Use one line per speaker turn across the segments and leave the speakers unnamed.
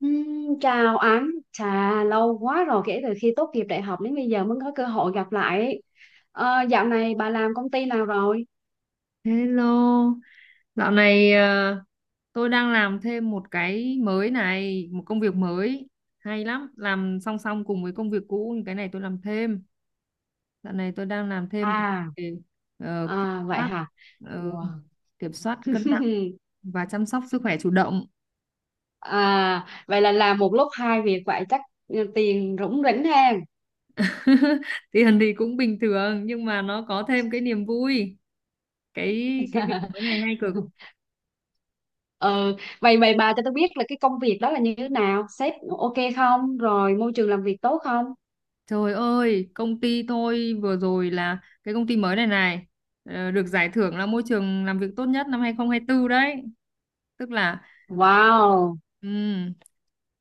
Chào anh, chà, lâu quá rồi kể từ khi tốt nghiệp đại học đến bây giờ mới có cơ hội gặp lại ấy. Dạo này bà làm công ty nào rồi?
Hello, dạo này tôi đang làm thêm một cái mới này, một công việc mới hay lắm, làm song song cùng với công việc cũ, cái này tôi làm thêm. Dạo này tôi đang làm thêm
À,
về kiểm
Vậy
soát,
hả?
ờ,
Wow.
kiểm soát cân nặng và chăm sóc sức khỏe chủ động.
Vậy là làm một lúc hai việc vậy chắc tiền rủng rỉnh ha.
Tiền thì cũng bình thường nhưng mà nó có thêm cái niềm vui. Cái cái việc mới này hay cực.
Ừ, vậy vậy bà cho tôi biết là cái công việc đó là như thế nào? Sếp ok không? Rồi môi trường làm việc tốt không?
Trời ơi, công ty tôi vừa rồi là cái công ty mới này này được giải thưởng là môi trường làm việc tốt nhất năm 2024 đấy. Tức là
Wow.
ừm,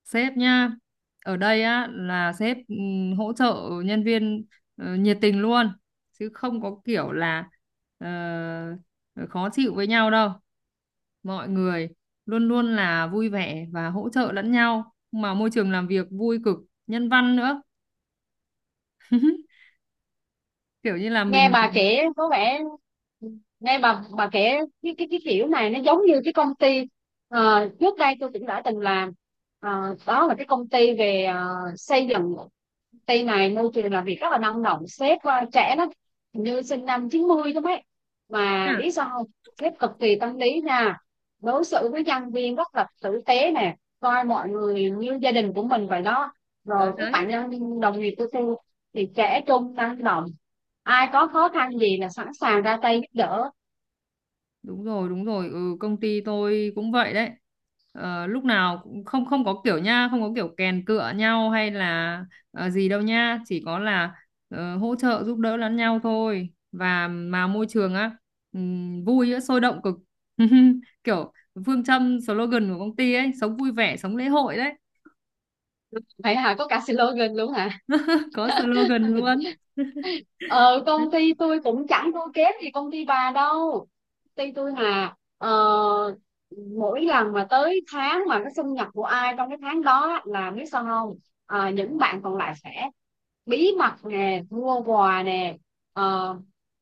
sếp nhá. Ở đây á là sếp hỗ trợ nhân viên nhiệt tình luôn, chứ không có kiểu là ờ, khó chịu với nhau đâu. Mọi người luôn luôn là vui vẻ và hỗ trợ lẫn nhau, mà môi trường làm việc vui cực, nhân văn nữa, kiểu như là
nghe
mình.
bà kể có vẻ Nghe bà kể cái kiểu này, nó giống như cái công ty trước đây tôi cũng đã từng làm. Đó là cái công ty về xây dựng Tây này, môi trường làm việc rất là năng động, sếp trẻ lắm, hình như sinh năm 90 lắm ấy, mà
À,
biết sao không? Sếp cực kỳ tâm lý nha, đối xử với nhân viên rất là tử tế nè, coi mọi người như gia đình của mình vậy đó.
đấy
Rồi các
đấy,
bạn đồng nghiệp của tôi thì trẻ trung, năng động, ai có khó khăn gì là sẵn sàng ra tay giúp đỡ.
đúng rồi đúng rồi, ừ, công ty tôi cũng vậy đấy. Ờ, lúc nào cũng không không có kiểu nha, không có kiểu kèn cựa nhau hay là gì đâu nha, chỉ có là hỗ trợ giúp đỡ lẫn nhau thôi, và mà môi trường á, vui á, sôi động cực. Kiểu phương châm slogan của công ty ấy, sống vui vẻ sống lễ hội đấy.
Vậy hả, có cả slogan luôn hả?
Có slogan luôn.
Ờ Công ty tôi cũng chẳng thua kém gì công ty bà đâu. Công ty tôi mà mỗi lần mà tới tháng mà cái sinh nhật của ai trong cái tháng đó á, là biết sao không? Những bạn còn lại sẽ bí mật nè, mua quà nè, ờ,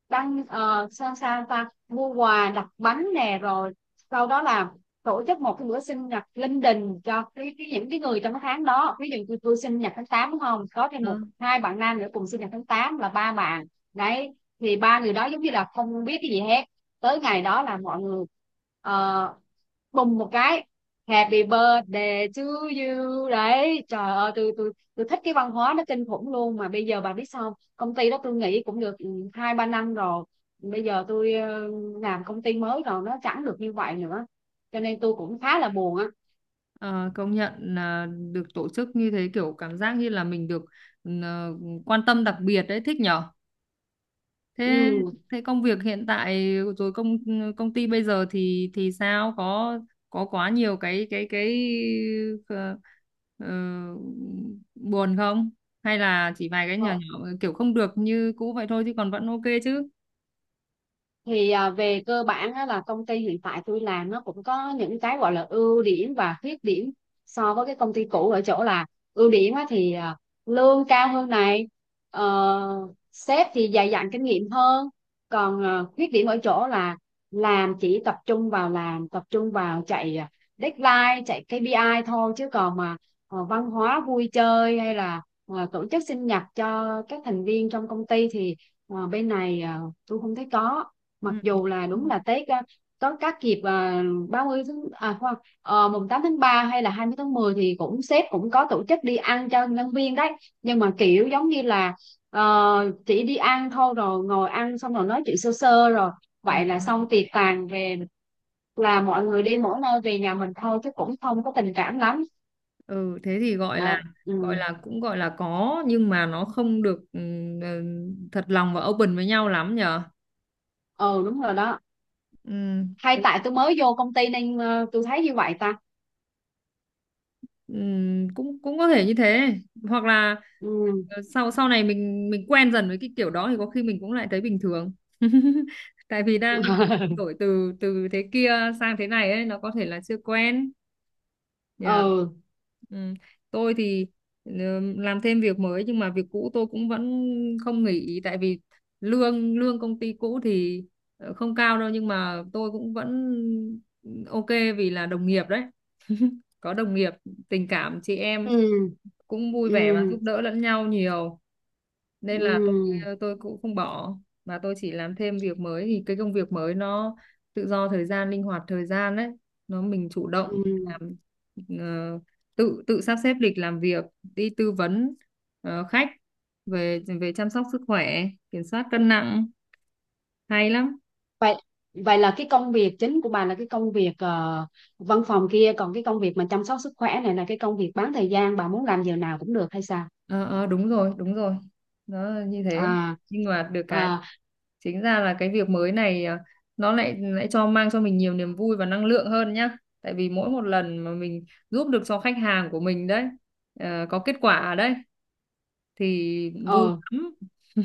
đăng sao sao ta, mua quà, đặt bánh nè, rồi sau đó là tổ chức một cái bữa sinh nhật linh đình cho cái những cái người trong cái tháng đó. Ví dụ như tôi sinh nhật tháng 8 đúng không, có thêm một
Ờ.
hai bạn nam nữa cùng sinh nhật tháng 8 là ba bạn đấy, thì ba người đó giống như là không biết cái gì hết. Tới ngày đó là mọi người ờ, bùng một cái, Happy birthday to you đấy. Trời ơi, tôi thích cái văn hóa nó kinh khủng luôn. Mà bây giờ bà biết sao không? Công ty đó tôi nghĩ cũng được hai ba năm rồi. Bây giờ tôi làm công ty mới rồi, nó chẳng được như vậy nữa, cho nên tôi cũng khá là buồn á.
Ờ, công nhận là được tổ chức như thế kiểu cảm giác như là mình được, ừ, ờ, quan tâm đặc biệt đấy, thích nhở. Thế
Ừ.
thế công việc hiện tại rồi công, công ty bây giờ thì sao, có quá nhiều cái ờ, ờ, buồn không, hay là chỉ vài cái nhỏ
Ờ,
nhỏ kiểu không được như cũ vậy thôi chứ còn vẫn ok chứ?
thì về cơ bản á, là công ty hiện tại tôi làm nó cũng có những cái gọi là ưu điểm và khuyết điểm so với cái công ty cũ ở chỗ là, ưu điểm á, thì lương cao hơn này, sếp thì dày dặn kinh nghiệm hơn. Còn khuyết điểm ở chỗ là làm chỉ tập trung vào làm, tập trung vào chạy deadline, chạy KPI thôi, chứ còn mà văn hóa vui chơi hay là tổ chức sinh nhật cho các thành viên trong công ty thì bên này tôi không thấy có. Mặc dù là đúng là Tết có các dịp 30 tháng, khoan, mùng 8 tháng 3 hay là 20 tháng 10 thì cũng sếp cũng có tổ chức đi ăn cho nhân viên đấy, nhưng mà kiểu giống như là chỉ đi ăn thôi, rồi ngồi ăn xong rồi nói chuyện sơ sơ rồi vậy là
Ừ.
xong, tiệc tàn về là mọi người đi mỗi nơi về nhà mình thôi, chứ cũng không có tình cảm lắm.
Ừ thế thì gọi là,
Đấy.
gọi
Ừ.
là cũng gọi là có nhưng mà nó không được ừ, thật lòng và open với nhau lắm nhở.
Ừ, đúng rồi đó.
Ừ.
Hay tại tôi mới vô công ty nên tôi thấy như vậy ta?
Cũng cũng có thể như thế, hoặc là
Ừ.
sau sau này mình quen dần với cái kiểu đó thì có khi mình cũng lại thấy bình thường. Tại vì đang đổi từ từ thế kia sang thế này ấy, nó có thể là chưa quen. Nhờ.
Ừ,
Ừm, Tôi thì làm thêm việc mới nhưng mà việc cũ tôi cũng vẫn không nghỉ, tại vì lương lương công ty cũ thì không cao đâu nhưng mà tôi cũng vẫn ok, vì là đồng nghiệp đấy. Có đồng nghiệp tình cảm chị em
ừ,
cũng vui
ừ.
vẻ và giúp đỡ lẫn nhau nhiều, nên là
Ừ,
tôi cũng không bỏ. Và tôi chỉ làm thêm việc mới thì cái công việc mới nó tự do thời gian, linh hoạt thời gian đấy, nó mình chủ động
ừ.
làm, ờ, tự tự sắp xếp lịch làm việc đi tư vấn khách, về về chăm sóc sức khỏe, kiểm soát cân nặng, hay lắm.
Vậy vậy là cái công việc chính của bà là cái công việc văn phòng kia, còn cái công việc mà chăm sóc sức khỏe này là cái công việc bán thời gian bà muốn làm giờ nào cũng được hay sao?
Ờ ờ, đúng rồi đúng rồi, nó là như thế,
À,
nhưng mà được cái
à
chính ra là cái việc mới này nó lại lại cho mang cho mình nhiều niềm vui và năng lượng hơn nhá, tại vì mỗi một lần mà mình giúp được cho khách hàng của mình đấy, có kết quả đấy thì vui
ờ,
lắm. Ừ,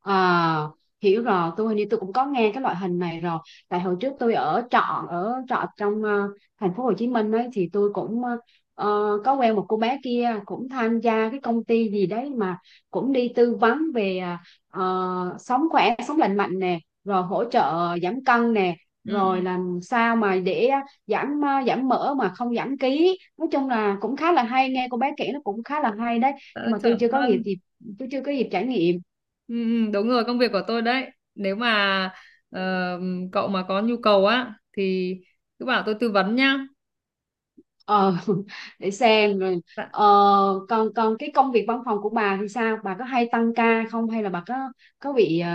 À, Hiểu rồi, hình như tôi cũng có nghe cái loại hình này rồi. Tại hồi trước tôi ở trọ trong thành phố Hồ Chí Minh ấy, thì tôi cũng có quen một cô bé kia cũng tham gia cái công ty gì đấy mà, cũng đi tư vấn về sống khỏe sống lành mạnh nè, rồi hỗ trợ giảm cân nè, rồi
ừ,
làm sao mà để giảm mỡ mà không giảm ký. Nói chung là cũng khá là hay, nghe cô bé kể nó cũng khá là hay đấy, nhưng
ờ,
mà
chuẩn luôn.
tôi chưa có dịp trải nghiệm.
Ừ, ừ, đúng rồi, công việc của tôi đấy, nếu mà ờ, cậu mà có nhu cầu á thì cứ bảo tôi tư vấn nhá.
ờ để xem rồi.
Dạ.
ờ, còn còn cái công việc văn phòng của bà thì sao, bà có hay tăng ca không, hay là bà có bị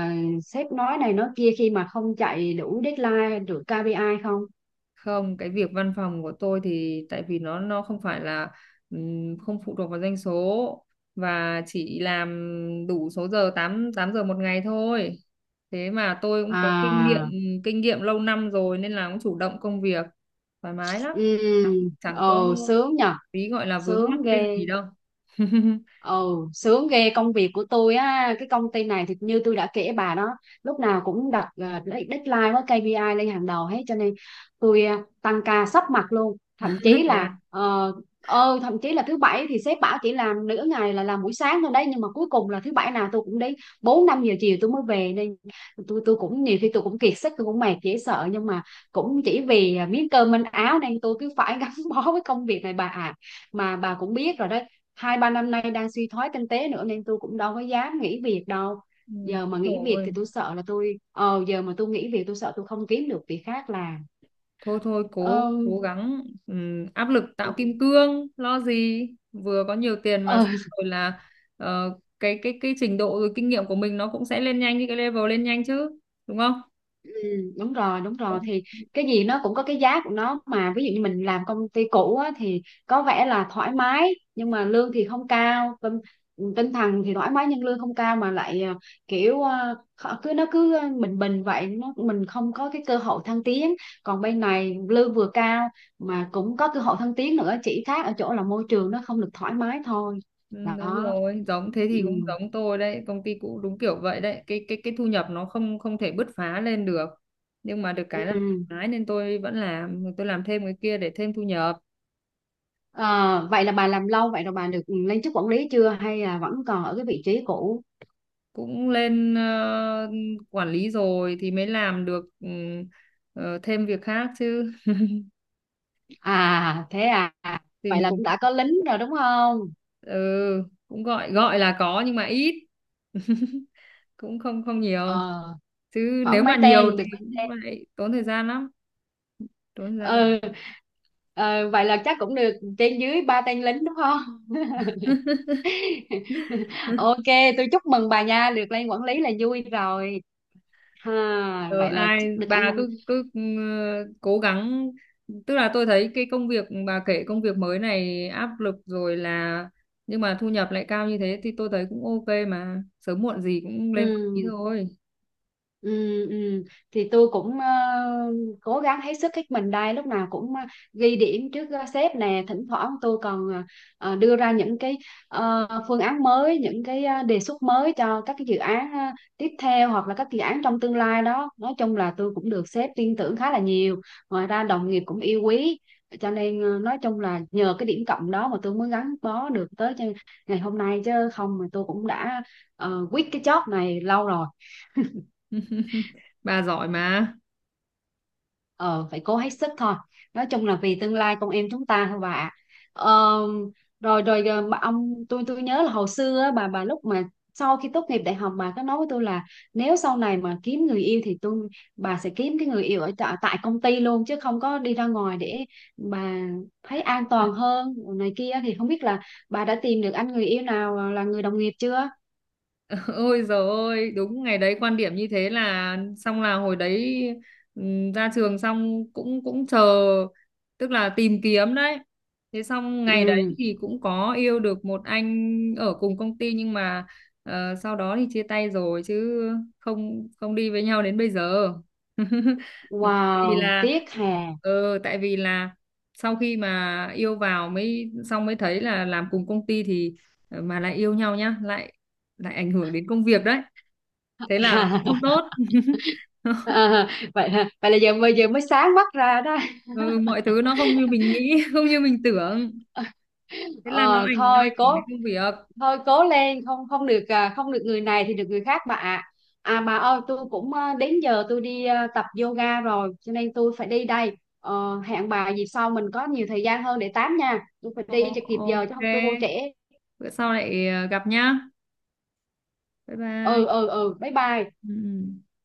sếp nói này nói kia khi mà không chạy đủ deadline, được KPI không?
Không, cái việc văn phòng của tôi thì tại vì nó không phải là không phụ thuộc vào doanh số, và chỉ làm đủ số giờ 8 8 giờ một ngày thôi. Thế mà tôi cũng có kinh nghiệm,
À.
kinh nghiệm lâu năm rồi nên là cũng chủ động công việc, thoải mái lắm.
Ừ.
Chẳng, chẳng có
ờ Sướng nhờ.
tí gọi là vướng mắc
Sướng
cái
ghê.
gì đâu.
Ồ, sướng ghê. Công việc của tôi á, cái công ty này thì như tôi đã kể bà đó, lúc nào cũng đặt deadline với KPI lên hàng đầu hết, cho nên tôi tăng ca sắp mặt luôn,
Thế à?
thậm chí là thứ bảy thì sếp bảo chỉ làm nửa ngày, là làm buổi sáng thôi đấy, nhưng mà cuối cùng là thứ bảy nào tôi cũng đến 4 5 giờ chiều tôi mới về, nên tôi cũng nhiều khi tôi cũng kiệt sức, tôi cũng mệt dễ sợ, nhưng mà cũng chỉ vì miếng cơm manh áo nên tôi cứ phải gắn bó với công việc này bà ạ. Mà bà cũng biết rồi đó, hai ba năm nay đang suy thoái kinh tế nữa, nên tôi cũng đâu có dám nghỉ việc đâu.
Ừ,
Giờ mà nghỉ việc thì
rồi.
tôi sợ là tôi, giờ mà tôi nghỉ việc tôi sợ tôi không kiếm được việc khác làm.
Thôi thôi cố
ờ,
cố gắng, áp lực tạo kim cương lo gì, vừa có nhiều tiền mà
ờ,
xong rồi là cái trình độ rồi kinh nghiệm của mình nó cũng sẽ lên nhanh, như cái level lên nhanh chứ, đúng không?
Ừ, đúng rồi đúng rồi, thì cái gì nó cũng có cái giá của nó mà. Ví dụ như mình làm công ty cũ á, thì có vẻ là thoải mái, nhưng mà lương thì không cao, tinh thần thì thoải mái nhưng lương không cao, mà lại kiểu cứ nó cứ bình bình vậy, nó mình không có cái cơ hội thăng tiến. Còn bên này lương vừa cao mà cũng có cơ hội thăng tiến nữa, chỉ khác ở chỗ là môi trường nó không được thoải mái thôi.
Ừ, đúng
Đó.
rồi giống thế,
Ừ.
thì cũng giống tôi đấy, công ty cũ đúng kiểu vậy đấy, cái thu nhập nó không không thể bứt phá lên được, nhưng mà được cái là
Ừ.
thoải mái nên tôi vẫn làm, tôi làm thêm cái kia để thêm thu nhập.
Ờ, vậy là bà làm lâu vậy rồi, bà được lên chức quản lý chưa hay là vẫn còn ở cái vị trí cũ?
Cũng lên quản lý rồi thì mới làm được, thêm việc khác chứ,
À, thế à.
thì
Vậy là
mình
cũng đã có lính rồi đúng không?
ừ, cũng gọi gọi là có nhưng mà ít. Cũng không không nhiều,
Ờ,
chứ nếu
Khoảng mấy
mà nhiều
tên, được
thì
mấy-
cũng lại tốn thời gian lắm, tốn thời gian không.
ừ, vậy là chắc cũng được trên dưới ba tên lính đúng không? Ok, tôi chúc mừng bà nha, được lên quản lý là vui rồi. Ha,
Ờ,
vậy là chắc
ai
được
bà
ăn.
cứ cứ cố gắng, tức là tôi thấy cái công việc bà kể, công việc mới này áp lực rồi là, nhưng mà thu nhập lại cao như thế thì tôi thấy cũng ok mà, sớm muộn gì cũng lên quản lý
Ừ.
thôi,
Ừ, ừ. Thì tôi cũng cố gắng hết sức hết mình đây, lúc nào cũng ghi điểm trước sếp nè, thỉnh thoảng tôi còn đưa ra những cái phương án mới, những cái đề xuất mới cho các cái dự án tiếp theo hoặc là các dự án trong tương lai đó. Nói chung là tôi cũng được sếp tin tưởng khá là nhiều, ngoài ra đồng nghiệp cũng yêu quý, cho nên nói chung là nhờ cái điểm cộng đó mà tôi mới gắn bó được tới cho ngày hôm nay, chứ không mà tôi cũng đã quit cái job này lâu rồi.
bà giỏi mà.
Ờ Phải cố hết sức thôi, nói chung là vì tương lai con em chúng ta thôi bà ạ. Ờ, Rồi rồi, bà ông tôi nhớ là hồi xưa á, bà lúc mà sau khi tốt nghiệp đại học bà có nói với tôi là, nếu sau này mà kiếm người yêu thì bà sẽ kiếm cái người yêu ở tại tại công ty luôn, chứ không có đi ra ngoài, để bà thấy an toàn hơn này kia. Thì không biết là bà đã tìm được anh người yêu nào là người đồng nghiệp chưa?
Ôi giời ơi, đúng ngày đấy quan điểm như thế là xong, là hồi đấy ra trường xong cũng cũng chờ, tức là tìm kiếm đấy. Thế xong ngày đấy
Ừ.
thì cũng có yêu được một anh ở cùng công ty, nhưng mà sau đó thì chia tay rồi chứ không không đi với nhau đến bây giờ. Tại vì
Wow,
là
tiếc hè.
ừ, tại vì là sau khi mà yêu vào mới, xong mới thấy là làm cùng công ty thì mà lại yêu nhau nhá, lại lại ảnh hưởng đến công việc đấy, thế là không tốt.
À, vậy hả? Vậy là bây giờ mới sáng mắt ra đó.
Ừ, mọi thứ nó không như mình nghĩ, không như mình tưởng, thế là nó
Ờ,
ảnh nó
thôi
ảnh
cố
hưởng đến công việc.
thôi cố lên, không không được, không được người này thì được người khác bà ạ. Bà ơi, tôi cũng, đến giờ tôi đi, tập yoga rồi, cho nên tôi phải đi đây. Ờ, Hẹn bà dịp sau mình có nhiều thời gian hơn để tám nha, tôi phải
Ồ,
đi cho kịp giờ chứ
ok,
không tôi vô trễ.
bữa sau lại gặp nhá, bye
Ừ,
bye.
ừ, ừ, bye bye.
Ừ. Ừ.